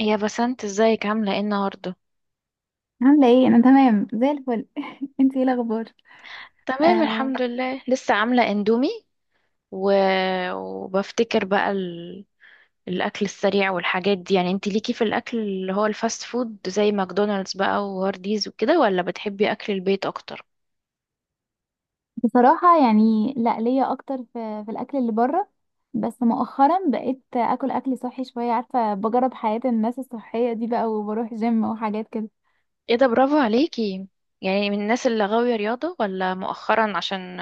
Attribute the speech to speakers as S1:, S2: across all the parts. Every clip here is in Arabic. S1: يا بسنت، ازيك؟ عاملة ايه النهاردة؟
S2: عاملة ايه؟ أنا تمام زي الفل. انتي ايه الأخبار؟
S1: تمام
S2: آه،
S1: الحمد لله، لسه عاملة اندومي و... وبفتكر بقى الأكل السريع والحاجات دي. يعني انتي ليكي في الأكل اللي هو الفاست فود زي ماكدونالدز بقى وهارديز وكده، ولا بتحبي أكل البيت أكتر؟
S2: بصراحة يعني لا، ليا أكتر في الأكل اللي بره. بس مؤخرا بقيت أكل أكل صحي شوية، عارفة بجرب حياة الناس الصحية دي بقى وبروح جيم وحاجات كده.
S1: ايه ده، برافو عليكي. يعني من الناس اللي غاوية رياضة، ولا مؤخرا عشان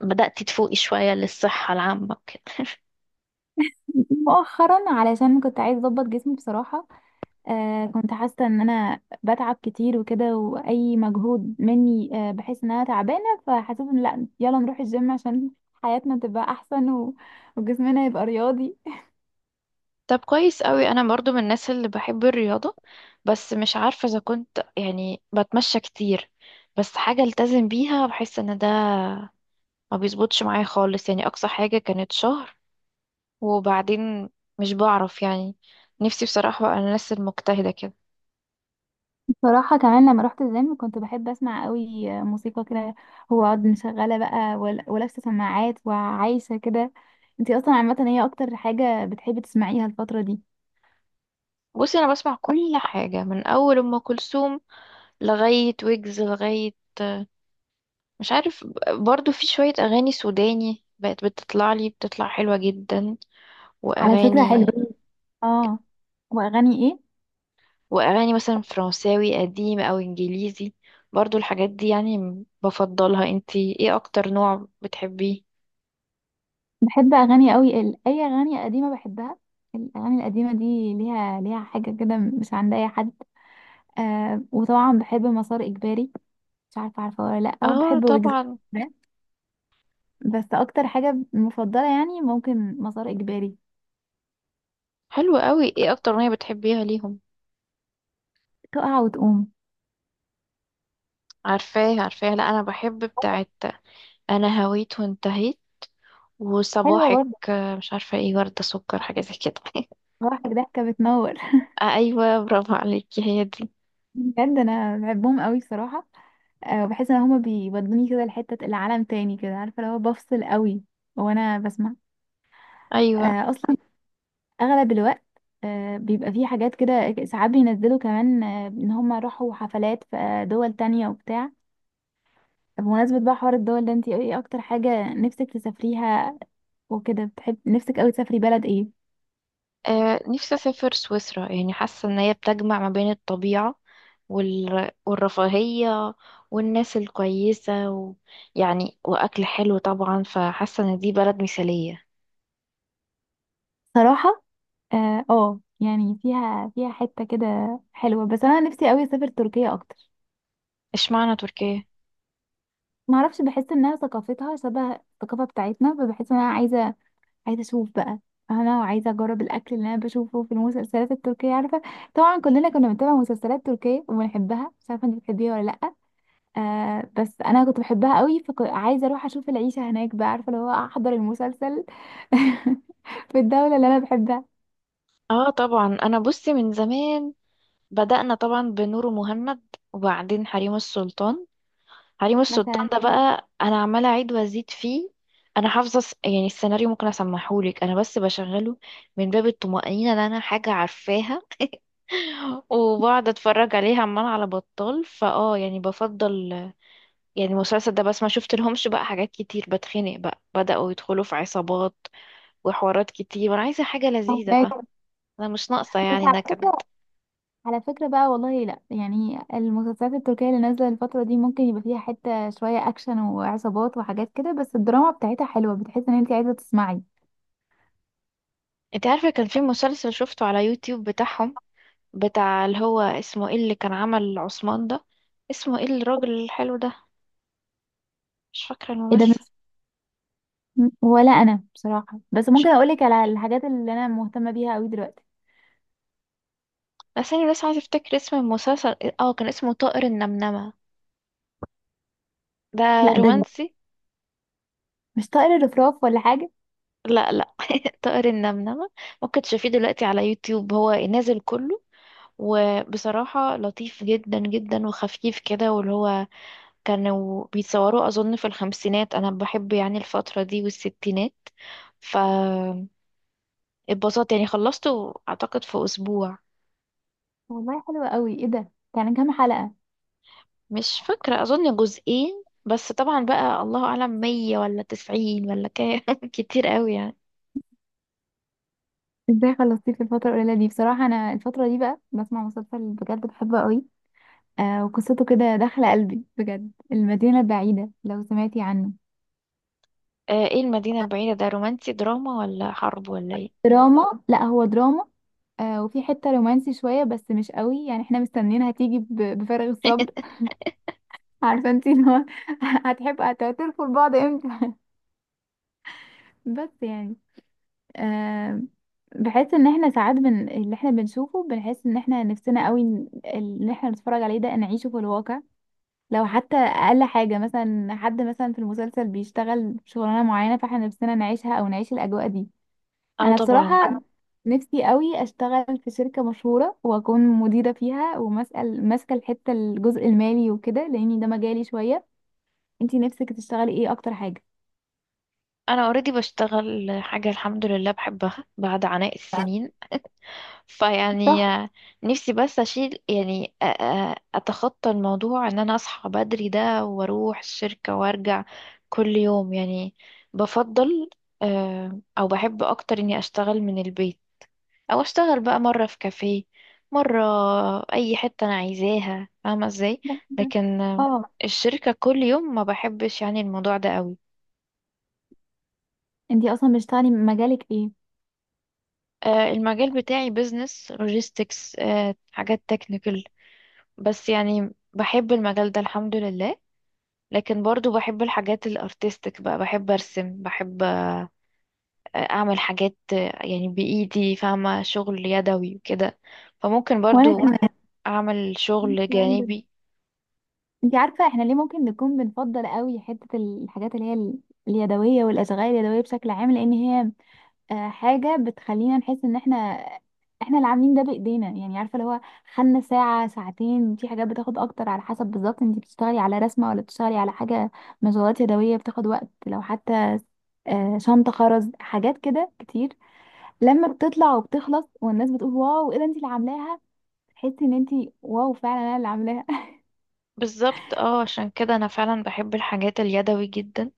S1: بدأتي تفوقي شوية للصحة العامة كده؟
S2: مؤخرا علشان كنت عايزة أظبط جسمي بصراحة. آه، كنت حاسة إن أنا بتعب كتير وكده، وأي مجهود مني بحس إن أنا تعبانة، فحسيت إن لا، يلا نروح الجيم عشان حياتنا تبقى أحسن وجسمنا يبقى رياضي.
S1: طب كويس قوي، انا برضو من الناس اللي بحب الرياضة، بس مش عارفة اذا كنت يعني بتمشى كتير. بس حاجة التزم بيها، بحس ان ده ما بيظبطش معايا خالص. يعني اقصى حاجة كانت شهر وبعدين مش بعرف يعني. نفسي بصراحة بقى الناس المجتهدة كده.
S2: صراحة كمان لما رحت الجيم كنت بحب اسمع قوي موسيقى كده، واقعد مشغلة بقى ولابسة سماعات وعايشة كده. انتي اصلا عامة هي اكتر حاجة بتحبي تسمعيها الفترة دي؟
S1: بصي، انا بسمع كل حاجة، من اول ام كلثوم لغاية ويجز، لغاية مش عارف. برضو في شوية اغاني سوداني بقت بتطلع لي، بتطلع حلوة جدا.
S2: على فكرة
S1: واغاني،
S2: حلوة. اه. واغاني ايه؟
S1: واغاني مثلا فرنساوي قديم او انجليزي، برضو الحاجات دي يعني. بفضلها. انتي ايه اكتر نوع بتحبيه؟
S2: بحب اغاني قوي، اي اغاني قديمة بحبها. الاغاني القديمة دي ليها ليها حاجة كده مش عند اي حد. آه، وطبعا بحب مسار اجباري، مش عارفة عارفة ولا لا،
S1: اه
S2: وبحب ويجز.
S1: طبعا.
S2: بس اكتر حاجة مفضلة يعني ممكن مسار اجباري.
S1: حلو قوي، ايه اكتر اغنيه بتحبيها ليهم؟
S2: تقع وتقوم.
S1: عارفاه عارفاه، لا انا بحب بتاعت انا هويت وانتهيت،
S2: حلوة
S1: وصباحك.
S2: برضه.
S1: مش عارفه ايه، ورده سكر، حاجه زي كده.
S2: صراحة ضحكة بتنور.
S1: آه، ايوه، برافو عليكي، هي دي.
S2: بجد انا بحبهم قوي بصراحة. أه بحس ان هما بيودوني كده لحتة العالم تاني كده، عارفة لو بفصل قوي وانا بسمع.
S1: ايوه.
S2: أه اصلا اغلب الوقت. أه بيبقى فيه حاجات كده ساعات بينزلوا كمان، أه ان هما راحوا حفلات في دول تانية وبتاع. بمناسبة بقى حوار الدول ده، انتي ايه اكتر حاجة نفسك تسافريها وكده؟ بتحب نفسك قوي تسافري بلد ايه؟
S1: آه، نفسي أسافر سويسرا. يعني حاسة إن هي بتجمع ما بين الطبيعة والرفاهية والناس الكويسة يعني وأكل حلو طبعا، فحاسة إن دي بلد مثالية.
S2: صراحة اه، يعني فيها فيها حتة كده حلوة، بس انا نفسي قوي اسافر تركيا اكتر.
S1: اشمعنى تركيا؟
S2: ما اعرفش، بحس انها ثقافتها شبه الثقافة بتاعتنا، فبحس ان انا عايزة اشوف بقى. انا عايزة اجرب الاكل اللي انا بشوفه في المسلسلات التركية، عارفة؟ طبعا كلنا كنا بنتابع مسلسلات تركية وبنحبها، مش عارفة انت بتحبيها ولا لأ. آه، بس انا كنت بحبها قوي، فعايزة اروح اشوف العيشة هناك بقى، عارفة اللي هو احضر المسلسل في الدولة اللي انا بحبها.
S1: اه طبعا. أنا بصي من زمان بدأنا، طبعا، بنور مهند، وبعدين حريم السلطان. حريم السلطان
S2: مثلا
S1: ده بقى أنا عمالة أعيد وأزيد فيه. أنا حافظة يعني السيناريو، ممكن أسمحهولك. أنا بس بشغله من باب الطمأنينة إن أنا حاجة عارفاها، وبقعد اتفرج عليه عمال على بطال. فاه، يعني بفضل يعني المسلسل ده بس. ما شفت لهمش بقى حاجات كتير بتخنق بقى، بدأوا يدخلوا في عصابات وحوارات كتير، وانا عايزة حاجة لذيذة
S2: هناك.
S1: بقى. انا مش ناقصة
S2: بس
S1: يعني
S2: على
S1: نكد.
S2: فكرة، على فكرة بقى والله لا، يعني المسلسلات التركية اللي نازلة الفترة دي ممكن يبقى فيها حتة شوية أكشن وعصابات وحاجات كده، بس الدراما بتاعتها حلوة، بتحس إن أنت عايزة تسمعي.
S1: انت عارفة، كان في مسلسل شفته على يوتيوب بتاعهم، بتاع اللي هو اسمه ايه، اللي كان عمل عثمان ده. اسمه ايه الراجل الحلو ده؟ مش فاكرة
S2: ايه ده؟
S1: الممثل.
S2: بس ولا أنا بصراحة، بس
S1: مش-
S2: ممكن أقولك على الحاجات اللي أنا مهتمة بيها أوي دلوقتي.
S1: بس انا بس عايزة افتكر اسم المسلسل. اه كان اسمه طائر النمنمة ده،
S2: لا
S1: رومانسي.
S2: مش طائر الرفراف ولا حاجة؟
S1: لا لا، طائر النمنمة. ممكن تشوفيه دلوقتي على يوتيوب، هو نازل كله. وبصراحة لطيف جدا جدا وخفيف كده، واللي هو كانوا بيتصوروا أظن في الخمسينات. أنا بحب يعني الفترة دي والستينات، فاتبسطت. يعني خلصته أعتقد في أسبوع.
S2: والله حلوة أوي. ايه ده، يعني كام حلقة؟
S1: مش فاكرة، أظن جزئين بس، طبعا بقى الله أعلم، مية ولا تسعين ولا كام، كتير قوي يعني.
S2: ازاي خلصتيه في الفترة القليلة دي؟ بصراحة أنا الفترة دي بقى بسمع مسلسل بجد بحبه أوي. آه، وقصته كده داخلة قلبي بجد، المدينة البعيدة، لو سمعتي عنه.
S1: آه، ايه المدينة البعيدة ده، رومانسي دراما ولا حرب ولا ايه؟
S2: دراما، لا هو دراما. آه، وفي حتة رومانسي شوية بس مش قوي، يعني احنا مستنيين هتيجي بفارغ الصبر. عارفة انتي اللي هو هتحب هتعترفوا لبعض امتى. بس يعني آه، بحس ان احنا ساعات اللي احنا بنشوفه بنحس ان احنا نفسنا قوي اللي احنا بنتفرج عليه ده نعيشه في الواقع. لو حتى اقل حاجة مثلا، حد مثلا في المسلسل بيشتغل شغلانة معينة، فاحنا نفسنا نعيشها او نعيش الاجواء دي.
S1: اه
S2: انا
S1: طبعا.
S2: بصراحه نفسي قوي اشتغل في شركه مشهوره واكون مديره فيها، ومسأل ماسكه الحته الجزء المالي وكده، لاني ده مجالي شويه. انتي نفسك تشتغلي ايه اكتر حاجه؟
S1: انا اوريدي بشتغل حاجه الحمد لله بحبها بعد عناء السنين.
S2: صح.
S1: فيعني نفسي بس اشيل يعني اتخطى الموضوع ان انا اصحى بدري ده واروح الشركه وارجع كل يوم يعني. بفضل، آه، او بحب اكتر اني اشتغل من البيت، او اشتغل بقى مره في كافيه، مره اي حته انا عايزاها، فاهمه ازاي؟ لكن
S2: اه،
S1: الشركه كل يوم ما بحبش يعني الموضوع ده قوي.
S2: انتي اصلا بتشتغلي مجالك ايه؟
S1: آه، المجال بتاعي بيزنس لوجيستكس، حاجات تكنيكال. بس يعني بحب المجال ده الحمد لله. لكن برضو بحب الحاجات الارتستيك بقى، بحب ارسم، بحب اعمل حاجات، يعني بايدي، فاهمة، شغل يدوي وكده. فممكن
S2: وانا
S1: برضو
S2: كمان.
S1: اعمل شغل
S2: تمام.
S1: جانبي.
S2: انتي عارفه احنا ليه ممكن نكون بنفضل قوي حته الحاجات اليدويه والاشغال اليدويه بشكل عام؟ لان هي آه، حاجة بتخلينا نحس ان احنا اللي عاملين ده بايدينا، يعني عارفة اللي هو خدنا ساعة ساعتين في حاجات، بتاخد اكتر على حسب بالظبط انت بتشتغلي على رسمة ولا بتشتغلي على حاجة. مشغولات يدوية بتاخد وقت، لو حتى آه، شنطة خرز، حاجات كده كتير. لما بتطلع وبتخلص والناس بتقول واو ايه ده انت اللي عاملاها، تحسي ان انت واو فعلا انا اللي عاملاها.
S1: بالظبط، اه، عشان كده انا فعلا بحب الحاجات اليدوي جدا،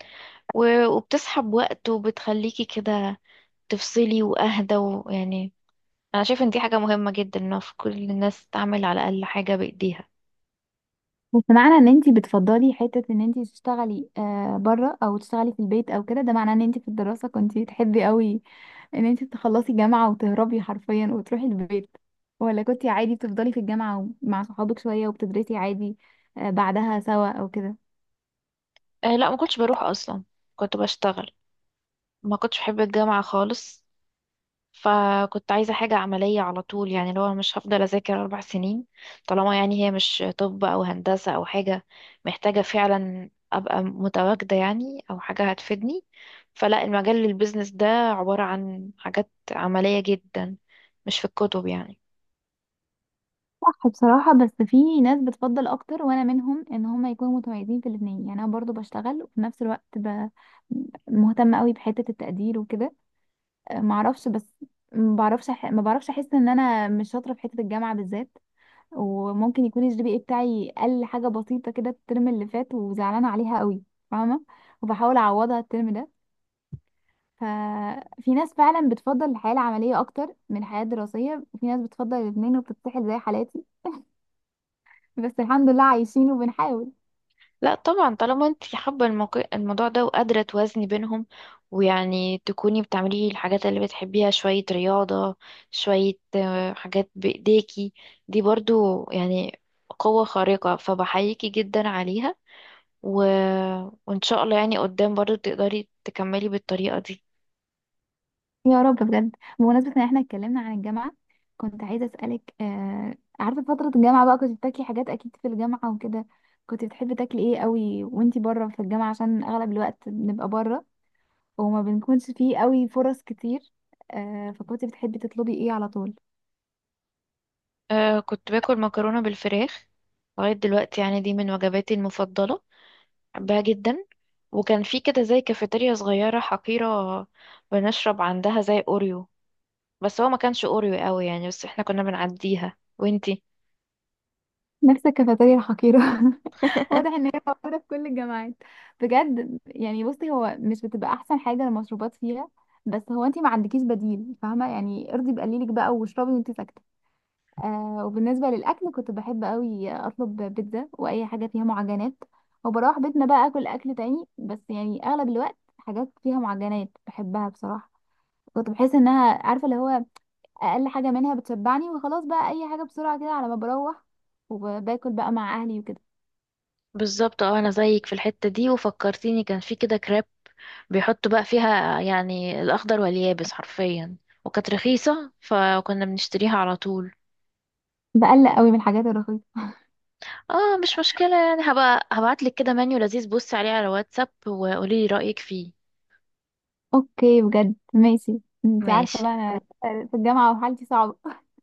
S1: وبتسحب وقت وبتخليكي كده تفصلي واهدى، ويعني انا شايف ان دي حاجه مهمه جدا، ان في كل الناس تعمل على الاقل حاجه بايديها.
S2: بس معنى ان انتي بتفضلي حتة ان انتي تشتغلي آه بره او تشتغلي في البيت او كده، ده معناه ان انتي في الدراسة كنتي تحبي قوي ان انتي تخلصي جامعة وتهربي حرفيا وتروحي البيت؟ ولا كنتي عادي بتفضلي في الجامعة مع صحابك شوية وبتدرسي عادي، آه، بعدها سوا او كده؟
S1: أه لا، ما كنتش بروح اصلا، كنت بشتغل. ما كنتش بحب الجامعه خالص، فكنت عايزه حاجه عمليه على طول. يعني لو أنا مش هفضل اذاكر اربع سنين، طالما يعني هي مش طب او هندسه او حاجه محتاجه فعلا ابقى متواجده يعني، او حاجه هتفيدني، فلا. المجال البيزنس ده عباره عن حاجات عمليه جدا، مش في الكتب يعني.
S2: صح، بصراحة بس في ناس بتفضل أكتر وأنا منهم إن هما يكونوا متميزين في الاتنين. يعني أنا برضو بشتغل وفي نفس الوقت مهتمة قوي بحتة التقدير وكده. ما اعرفش بس، ما بعرفش احس ان انا مش شاطره في حته الجامعه بالذات. وممكن يكون الـ GPA بتاعي قل حاجه بسيطه كده الترم اللي فات وزعلانه عليها قوي، فاهمه؟ وبحاول اعوضها الترم ده. ففي ناس فعلا بتفضل الحياه العمليه اكتر من الحياه الدراسيه، وفي ناس بتفضل الاثنين وبتتسحل زي حالاتي. بس الحمد لله عايشين وبنحاول.
S1: لا طبعا، طالما انت حابة الموقع الموضوع ده وقادرة توازني بينهم، ويعني تكوني بتعملي الحاجات اللي بتحبيها، شوية رياضة، شوية، آه، حاجات بإيديكي، دي برضو يعني قوة خارقة، فبحييكي جدا عليها. و... وإن شاء الله يعني قدام برضو تقدري تكملي بالطريقة دي.
S2: يا رب، بجد. بمناسبة ان احنا اتكلمنا عن الجامعة، كنت عايزة اسألك آه، عارفة فترة الجامعة بقى كنت بتاكلي حاجات اكيد في الجامعة وكده، كنت بتحبي تاكلي ايه قوي وانتي بره في الجامعة؟ عشان اغلب الوقت بنبقى بره وما بنكونش فيه قوي فرص كتير، آه، فكنت بتحبي تطلبي ايه على طول؟
S1: أه، كنت باكل مكرونة بالفراخ لغاية دلوقتي. يعني دي من وجباتي المفضلة، بحبها جدا. وكان في كده زي كافيتيريا صغيرة حقيرة، بنشرب عندها زي أوريو، بس هو ما كانش أوريو قوي يعني، بس احنا كنا بنعديها. وانتي؟
S2: نفس الكافيتيريا الحقيرة. واضح ان هي موجودة في كل الجامعات. بجد، يعني بصي هو مش بتبقى احسن حاجة المشروبات فيها، بس هو انتي ما عندكيش بديل، فاهمة؟ يعني ارضي بقليلك بقى واشربي وانتي ساكتة. آه، وبالنسبة للأكل كنت بحب قوي أطلب بيتزا وأي حاجة فيها معجنات، وبروح بيتنا بقى أكل أكل تاني، بس يعني أغلب الوقت حاجات فيها معجنات بحبها بصراحة. كنت بحس إنها عارفة اللي هو أقل حاجة منها بتشبعني وخلاص بقى، أي حاجة بسرعة كده على ما بروح وباكل بقى مع أهلي وكده.
S1: بالظبط، اه، انا زيك في الحتة دي. وفكرتيني، كان في كده كريب بيحطوا بقى فيها يعني الأخضر واليابس حرفيا، وكانت رخيصة، فكنا بنشتريها على طول.
S2: بقلق قوي من الحاجات الرخيصة.
S1: اه مش مشكلة، يعني هبقى هبعتلك كده منيو لذيذ، بصي عليه على واتساب وقوليلي رأيك فيه.
S2: أوكي بجد ماشي. انت عارفة
S1: ماشي.
S2: بقى أنا في الجامعة وحالتي صعبة.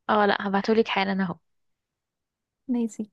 S1: اه لا، هبعتهولك حالا اهو.
S2: ماشي.